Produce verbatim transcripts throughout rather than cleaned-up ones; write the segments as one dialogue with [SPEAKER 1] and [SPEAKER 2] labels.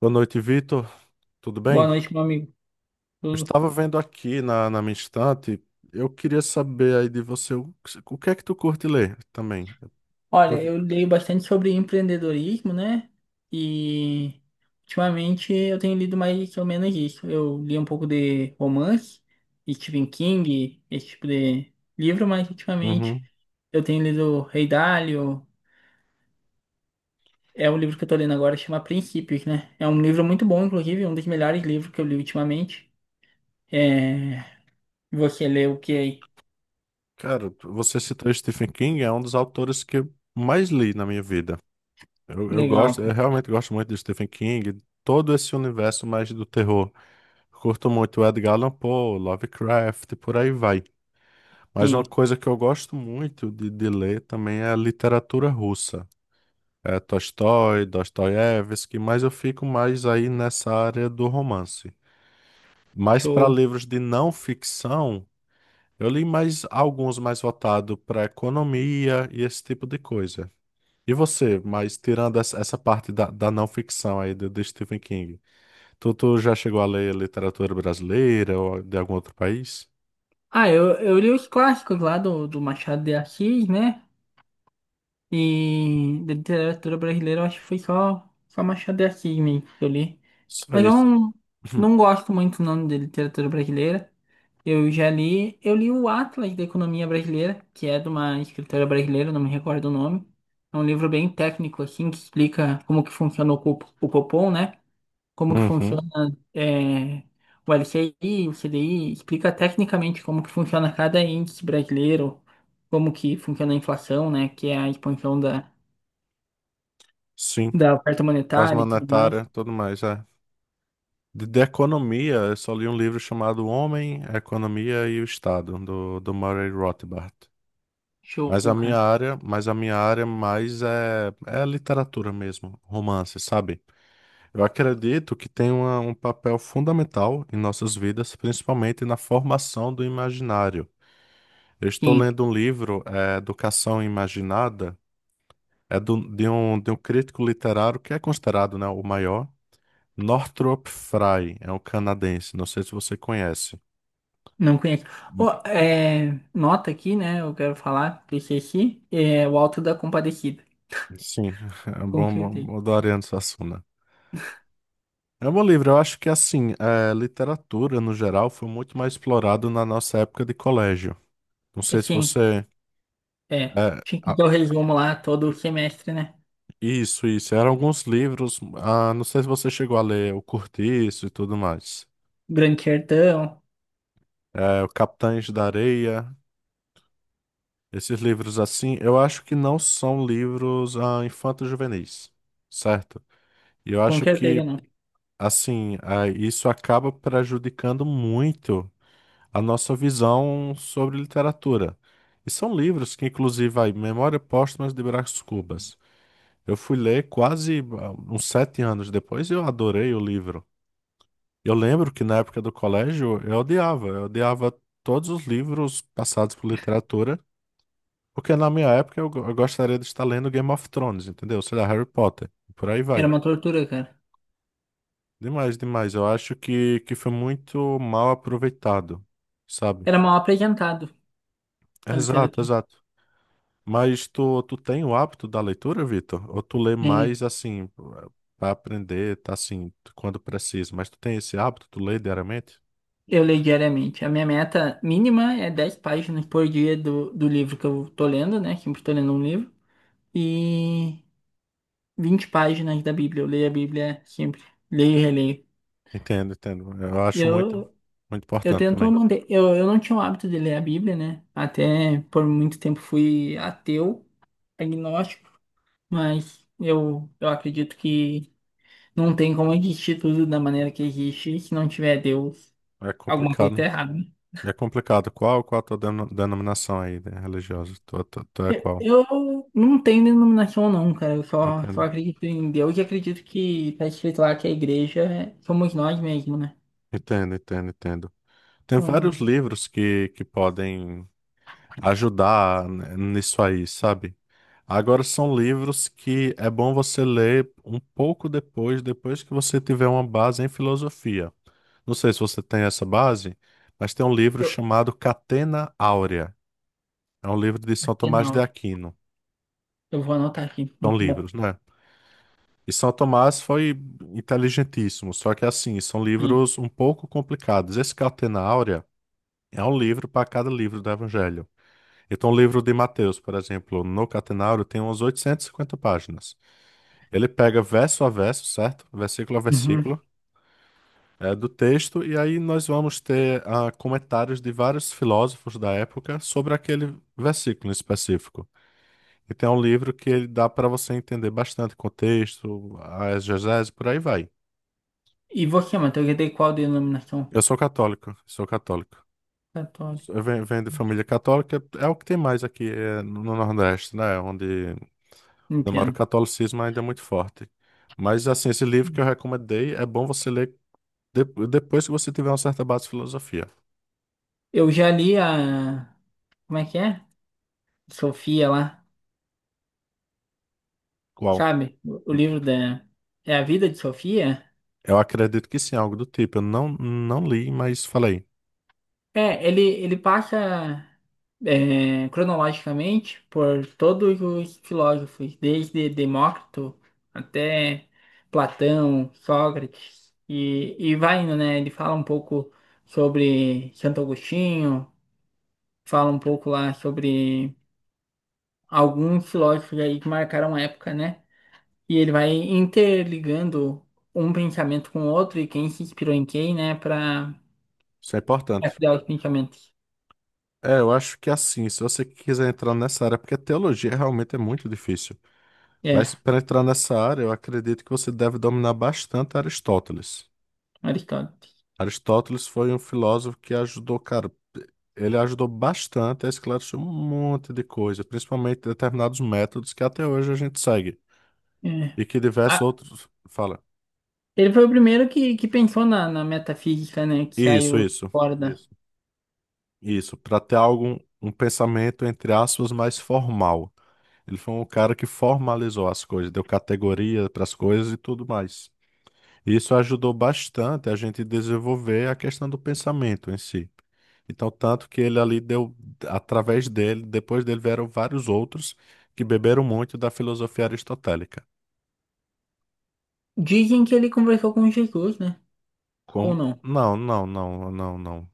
[SPEAKER 1] Boa noite, Vitor. Tudo
[SPEAKER 2] Boa
[SPEAKER 1] bem?
[SPEAKER 2] noite, meu amigo.
[SPEAKER 1] Eu
[SPEAKER 2] Tudo?
[SPEAKER 1] estava vendo aqui na, na minha estante. Eu queria saber aí de você o, o que é que tu curte ler também. Eu
[SPEAKER 2] Olha,
[SPEAKER 1] vi-
[SPEAKER 2] eu leio bastante sobre empreendedorismo, né? E ultimamente eu tenho lido mais ou menos isso. Eu li um pouco de romance, Stephen King, esse tipo de livro, mas ultimamente
[SPEAKER 1] Uhum.
[SPEAKER 2] eu tenho lido Rei Dalio. É um livro que eu tô lendo agora, chama Princípios, né? É um livro muito bom, inclusive, um dos melhores livros que eu li ultimamente. É... Você leu o que aí?
[SPEAKER 1] Cara, você citou Stephen King, é um dos autores que eu mais li na minha vida. Eu, eu
[SPEAKER 2] Legal,
[SPEAKER 1] gosto, eu
[SPEAKER 2] cara.
[SPEAKER 1] realmente gosto muito de Stephen King, todo esse universo mais do terror. Curto muito Edgar Allan Poe, Lovecraft, por aí vai. Mas uma
[SPEAKER 2] Sim.
[SPEAKER 1] coisa que eu gosto muito de, de ler também é a literatura russa. É Tolstói, Dostoiévski, mas eu fico mais aí nessa área do romance. Mas para
[SPEAKER 2] Show.
[SPEAKER 1] livros de não ficção, eu li mais alguns mais voltados para economia e esse tipo de coisa. E você, mas tirando essa essa parte da, da não ficção aí de, de Stephen King, tu, tu já chegou a ler literatura brasileira ou de algum outro país?
[SPEAKER 2] Ah, eu, eu li os clássicos lá do, do Machado de Assis, né? E da literatura brasileira, eu acho que foi só, só Machado de Assis mesmo que eu li.
[SPEAKER 1] Só
[SPEAKER 2] Mas eu
[SPEAKER 1] isso.
[SPEAKER 2] não, Não gosto muito não de literatura brasileira. Eu já li, eu li o Atlas da Economia Brasileira, que é de uma escritora brasileira, não me recordo o nome. É um livro bem técnico, assim, que explica como que funciona o, Cop- o Copom, né? Como que
[SPEAKER 1] Uhum,
[SPEAKER 2] funciona é, o L C I, o C D I, explica tecnicamente como que funciona cada índice brasileiro, como que funciona a inflação, né, que é a expansão da,
[SPEAKER 1] sim.
[SPEAKER 2] da oferta
[SPEAKER 1] As
[SPEAKER 2] monetária e tudo mais.
[SPEAKER 1] monetárias, tudo mais, é. De, de economia, eu só li um livro chamado Homem, a Economia e o Estado, do, do Murray Rothbard.
[SPEAKER 2] Show,
[SPEAKER 1] Mas a minha
[SPEAKER 2] cara.
[SPEAKER 1] área, mas a minha área mais é, é literatura mesmo, romance, sabe? Eu acredito que tem uma, um papel fundamental em nossas vidas, principalmente na formação do imaginário. Eu estou
[SPEAKER 2] Sim,
[SPEAKER 1] lendo um livro, é, Educação Imaginada, é do, de um, de um crítico literário que é considerado, né, o maior, Northrop Frye, é um canadense, não sei se você conhece.
[SPEAKER 2] não conheço. Ô, é, nota aqui, né, eu quero falar, P C C, é o Alto da Compadecida,
[SPEAKER 1] Sim, é
[SPEAKER 2] com
[SPEAKER 1] bom,
[SPEAKER 2] certeza.
[SPEAKER 1] bom- adorando Suassuna. É um bom livro, eu acho que assim, é, literatura no geral foi muito mais explorado na nossa época de colégio. Não
[SPEAKER 2] É,
[SPEAKER 1] sei se
[SPEAKER 2] sim,
[SPEAKER 1] você.
[SPEAKER 2] é.
[SPEAKER 1] é,
[SPEAKER 2] Tinha que
[SPEAKER 1] a-
[SPEAKER 2] dar o resumo lá todo semestre, né?
[SPEAKER 1] isso, isso. Eram alguns livros, ah, não sei se você chegou a ler O Cortiço e tudo mais.
[SPEAKER 2] Grande Sertão,
[SPEAKER 1] É, o Capitães da Areia, esses livros assim, eu acho que não são livros ah, infanto-juvenis, certo? E eu
[SPEAKER 2] com
[SPEAKER 1] acho que,
[SPEAKER 2] certeza não.
[SPEAKER 1] assim, ah, isso acaba prejudicando muito. A nossa visão sobre literatura. E são livros que, inclusive, aí, Memória Póstuma de Brás Cubas. Eu fui ler quase ah, uns sete anos depois e eu adorei o livro. Eu lembro que na época do colégio eu odiava, eu odiava todos os livros passados por literatura, porque na minha época eu, go- eu gostaria de estar lendo Game of Thrones, entendeu? Sei lá, Harry Potter, e por aí
[SPEAKER 2] Era
[SPEAKER 1] vai.
[SPEAKER 2] uma tortura, cara.
[SPEAKER 1] Demais, demais. Eu acho que, que foi muito mal aproveitado, sabe?
[SPEAKER 2] Era mal apresentado a
[SPEAKER 1] Exato,
[SPEAKER 2] literatura.
[SPEAKER 1] exato. Mas tu, tu tem o hábito da leitura, Vitor? Ou tu lê
[SPEAKER 2] Sim,
[SPEAKER 1] mais assim, para aprender, tá assim, quando precisa? Mas tu tem esse hábito, tu lê diariamente?
[SPEAKER 2] eu leio diariamente. A minha meta mínima é dez páginas por dia do, do livro que eu tô lendo, né? Sempre tô lendo um livro. E vinte páginas da Bíblia. Eu leio a Bíblia sempre. Leio e releio.
[SPEAKER 1] Entendo, entendo. Eu
[SPEAKER 2] E
[SPEAKER 1] acho muito,
[SPEAKER 2] eu,
[SPEAKER 1] muito
[SPEAKER 2] eu
[SPEAKER 1] importante
[SPEAKER 2] tento
[SPEAKER 1] também.
[SPEAKER 2] manter. Eu, eu não tinha o hábito de ler a Bíblia, né? Até por muito tempo fui ateu, agnóstico. Mas eu, eu acredito que não tem como existir tudo da maneira que existe se não tiver Deus.
[SPEAKER 1] É
[SPEAKER 2] Alguma coisa tá
[SPEAKER 1] complicado.
[SPEAKER 2] errada, né?
[SPEAKER 1] É complicado. Qual, qual a tua deno- denominação aí, né, religiosa? Tu, tu, tu é qual?
[SPEAKER 2] Eu não tenho denominação não, cara. Eu só, só
[SPEAKER 1] Entendo.
[SPEAKER 2] acredito em Deus e acredito que tá escrito lá que a igreja é- somos nós mesmos, né?
[SPEAKER 1] Entendo, entendo, entendo. Tem
[SPEAKER 2] Então,
[SPEAKER 1] vários livros que, que podem ajudar, né, nisso aí, sabe? Agora são livros que é bom você ler um pouco depois, depois que você tiver uma base em filosofia. Não sei se você tem essa base, mas tem um livro
[SPEAKER 2] eu,
[SPEAKER 1] chamado Catena Áurea. É um livro de São Tomás de
[SPEAKER 2] Afinal,
[SPEAKER 1] Aquino.
[SPEAKER 2] eu vou anotar aqui.
[SPEAKER 1] São
[SPEAKER 2] Muito bom.
[SPEAKER 1] livros, né? E São Tomás foi inteligentíssimo, só que assim, são
[SPEAKER 2] Sim.
[SPEAKER 1] livros um pouco complicados. Esse Catena Áurea é um livro para cada livro do Evangelho. Então, o livro de Mateus, por exemplo, no Catenário, tem umas oitocentas e cinquenta páginas. Ele pega verso a verso, certo? Versículo a
[SPEAKER 2] Uhum.
[SPEAKER 1] versículo, é, do texto, e aí nós vamos ter ah, comentários de vários filósofos da época sobre aquele versículo em específico. Então, é um livro que ele dá para você entender bastante contexto, a exegese, por aí vai.
[SPEAKER 2] E você, Matheus, já tem qual denominação?
[SPEAKER 1] Eu sou católico, sou católico.
[SPEAKER 2] Católica.
[SPEAKER 1] Eu venho, venho de família católica, é o que tem mais aqui eh, no Nordeste, né? Onde. Não, mas o
[SPEAKER 2] Entendo.
[SPEAKER 1] catolicismo ainda é muito forte. Mas, assim, esse livro que eu recomendei é bom você ler de- depois que você tiver uma certa base de filosofia.
[SPEAKER 2] Eu já li a... Como é que é? Sofia lá,
[SPEAKER 1] Qual?
[SPEAKER 2] sabe? O o livro da... É a vida de Sofia?
[SPEAKER 1] Eu acredito que sim, algo do tipo. Eu não, não li, mas falei.
[SPEAKER 2] É, ele, ele passa é, cronologicamente por todos os filósofos, desde Demócrito até Platão, Sócrates, e, e vai indo, né? Ele fala um pouco sobre Santo Agostinho, fala um pouco lá sobre alguns filósofos aí que marcaram a época, né? E ele vai interligando um pensamento com o outro e quem se inspirou em quem, né, para
[SPEAKER 1] Isso é importante.
[SPEAKER 2] criar os pensamentos.
[SPEAKER 1] É, eu acho que assim, se você quiser entrar nessa área, porque teologia realmente é muito difícil.
[SPEAKER 2] É,
[SPEAKER 1] Mas para entrar nessa área, eu acredito que você deve dominar bastante Aristóteles.
[SPEAKER 2] Aristóteles.
[SPEAKER 1] Aristóteles foi um filósofo que ajudou, cara, ele ajudou bastante a esclarecer um monte de coisa, principalmente determinados métodos que até hoje a gente segue
[SPEAKER 2] É.
[SPEAKER 1] e que diversos
[SPEAKER 2] Ah,
[SPEAKER 1] outros fala.
[SPEAKER 2] ele foi o primeiro que, que pensou na, na metafísica, né? Que
[SPEAKER 1] Isso,
[SPEAKER 2] saiu
[SPEAKER 1] isso,
[SPEAKER 2] fora da.
[SPEAKER 1] isso, isso, para ter algum um pensamento entre aspas mais formal. Ele foi um cara que formalizou as coisas, deu categoria para as coisas e tudo mais. Isso ajudou bastante a gente desenvolver a questão do pensamento em si. Então, tanto que ele ali deu, através dele, depois dele vieram vários outros que beberam muito da filosofia aristotélica.
[SPEAKER 2] Dizem que ele conversou com Jesus, né? Ou
[SPEAKER 1] Como?
[SPEAKER 2] não?
[SPEAKER 1] Não, não, não, não, não.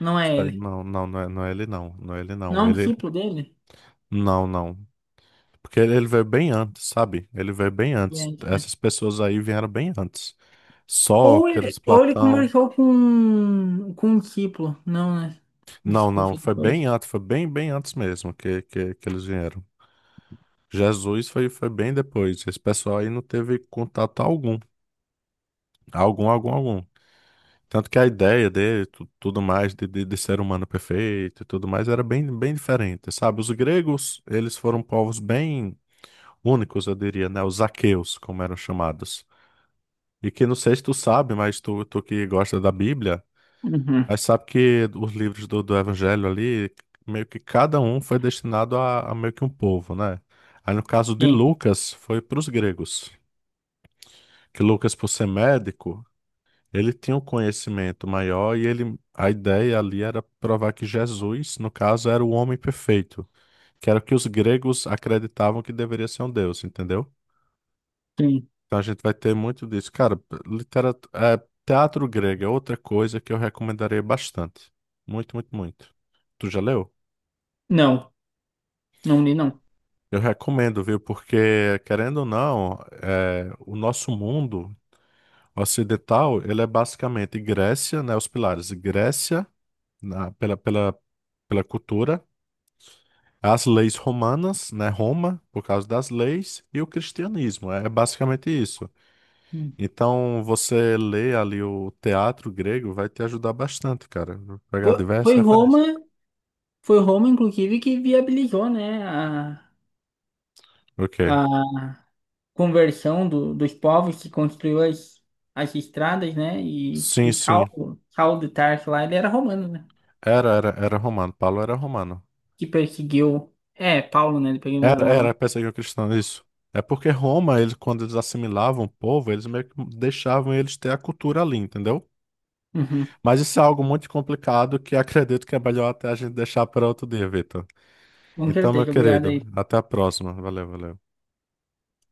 [SPEAKER 2] Não
[SPEAKER 1] Isso
[SPEAKER 2] é
[SPEAKER 1] aí.
[SPEAKER 2] ele.
[SPEAKER 1] Não, não, não é, não é ele, não, não é ele,
[SPEAKER 2] Não é
[SPEAKER 1] não.
[SPEAKER 2] um
[SPEAKER 1] Ele,
[SPEAKER 2] discípulo dele?
[SPEAKER 1] não, não. Porque ele, ele veio bem antes, sabe? Ele veio bem antes.
[SPEAKER 2] Gente, né?
[SPEAKER 1] Essas pessoas aí vieram bem antes.
[SPEAKER 2] Ou
[SPEAKER 1] Sócrates,
[SPEAKER 2] ele, ou ele
[SPEAKER 1] Platão.
[SPEAKER 2] conversou com, com um discípulo. Não, né?
[SPEAKER 1] Não,
[SPEAKER 2] Discípulo
[SPEAKER 1] não,
[SPEAKER 2] foi
[SPEAKER 1] foi bem
[SPEAKER 2] depois.
[SPEAKER 1] antes, foi bem, bem antes mesmo que, que, que eles vieram. Jesus foi, foi bem depois. Esse pessoal aí não teve contato algum. Algum, algum, algum. Tanto que a ideia dele, tu- tudo mais, de, de, de ser humano perfeito e tudo mais, era bem, bem diferente, sabe? Os gregos, eles foram povos bem únicos, eu diria, né? Os aqueus, como eram chamados. E que não sei se tu sabe, mas tu, tu que gosta da Bíblia,
[SPEAKER 2] Uhum.
[SPEAKER 1] mas sabe que os livros do, do Evangelho ali, meio que cada um foi destinado a, a meio que um povo, né? Aí no caso de
[SPEAKER 2] Sim,
[SPEAKER 1] Lucas, foi para os gregos. Que Lucas, por ser médico, ele tinha um conhecimento maior e ele, a ideia ali era provar que Jesus, no caso, era o homem perfeito, que era o que os gregos acreditavam que deveria ser um deus, entendeu?
[SPEAKER 2] sim.
[SPEAKER 1] Então a gente vai ter muito disso. Cara, literatura, teatro grego é outra coisa que eu recomendaria bastante. Muito, muito, muito. Tu já leu?
[SPEAKER 2] Não, não li, não.
[SPEAKER 1] Eu recomendo, viu? Porque, querendo ou não, é, o nosso mundo ocidental, ele é basicamente Grécia, né? Os pilares Grécia, na- pela, pela, pela cultura, as leis romanas, né, Roma, por causa das leis, e o cristianismo. É é basicamente isso.
[SPEAKER 2] Hum.
[SPEAKER 1] Então, você lê ali o teatro grego vai te ajudar bastante, cara. Vou pegar
[SPEAKER 2] Foi,
[SPEAKER 1] diversas
[SPEAKER 2] foi Roma,
[SPEAKER 1] referências.
[SPEAKER 2] foi Roma, inclusive, que viabilizou, né? A,
[SPEAKER 1] Ok.
[SPEAKER 2] a conversão do, dos povos que construiu as, as estradas, né? E,
[SPEAKER 1] Sim,
[SPEAKER 2] e
[SPEAKER 1] sim.
[SPEAKER 2] Saulo, Saulo de Tarso lá, ele era romano, né?
[SPEAKER 1] Era, era, era romano. Paulo era romano.
[SPEAKER 2] Que perseguiu. É, Paulo, né? Depois ele
[SPEAKER 1] Era,
[SPEAKER 2] mudou o nome.
[SPEAKER 1] era, pensei que o cristão, isso. É porque Roma, eles, quando eles assimilavam o povo, eles meio que deixavam eles ter a cultura ali, entendeu?
[SPEAKER 2] Uhum.
[SPEAKER 1] Mas isso é algo muito complicado que acredito que é melhor até a gente deixar para outro dia, Vitor.
[SPEAKER 2] Com
[SPEAKER 1] Então, meu
[SPEAKER 2] certeza, obrigado
[SPEAKER 1] querido,
[SPEAKER 2] aí.
[SPEAKER 1] até a próxima. Valeu, valeu.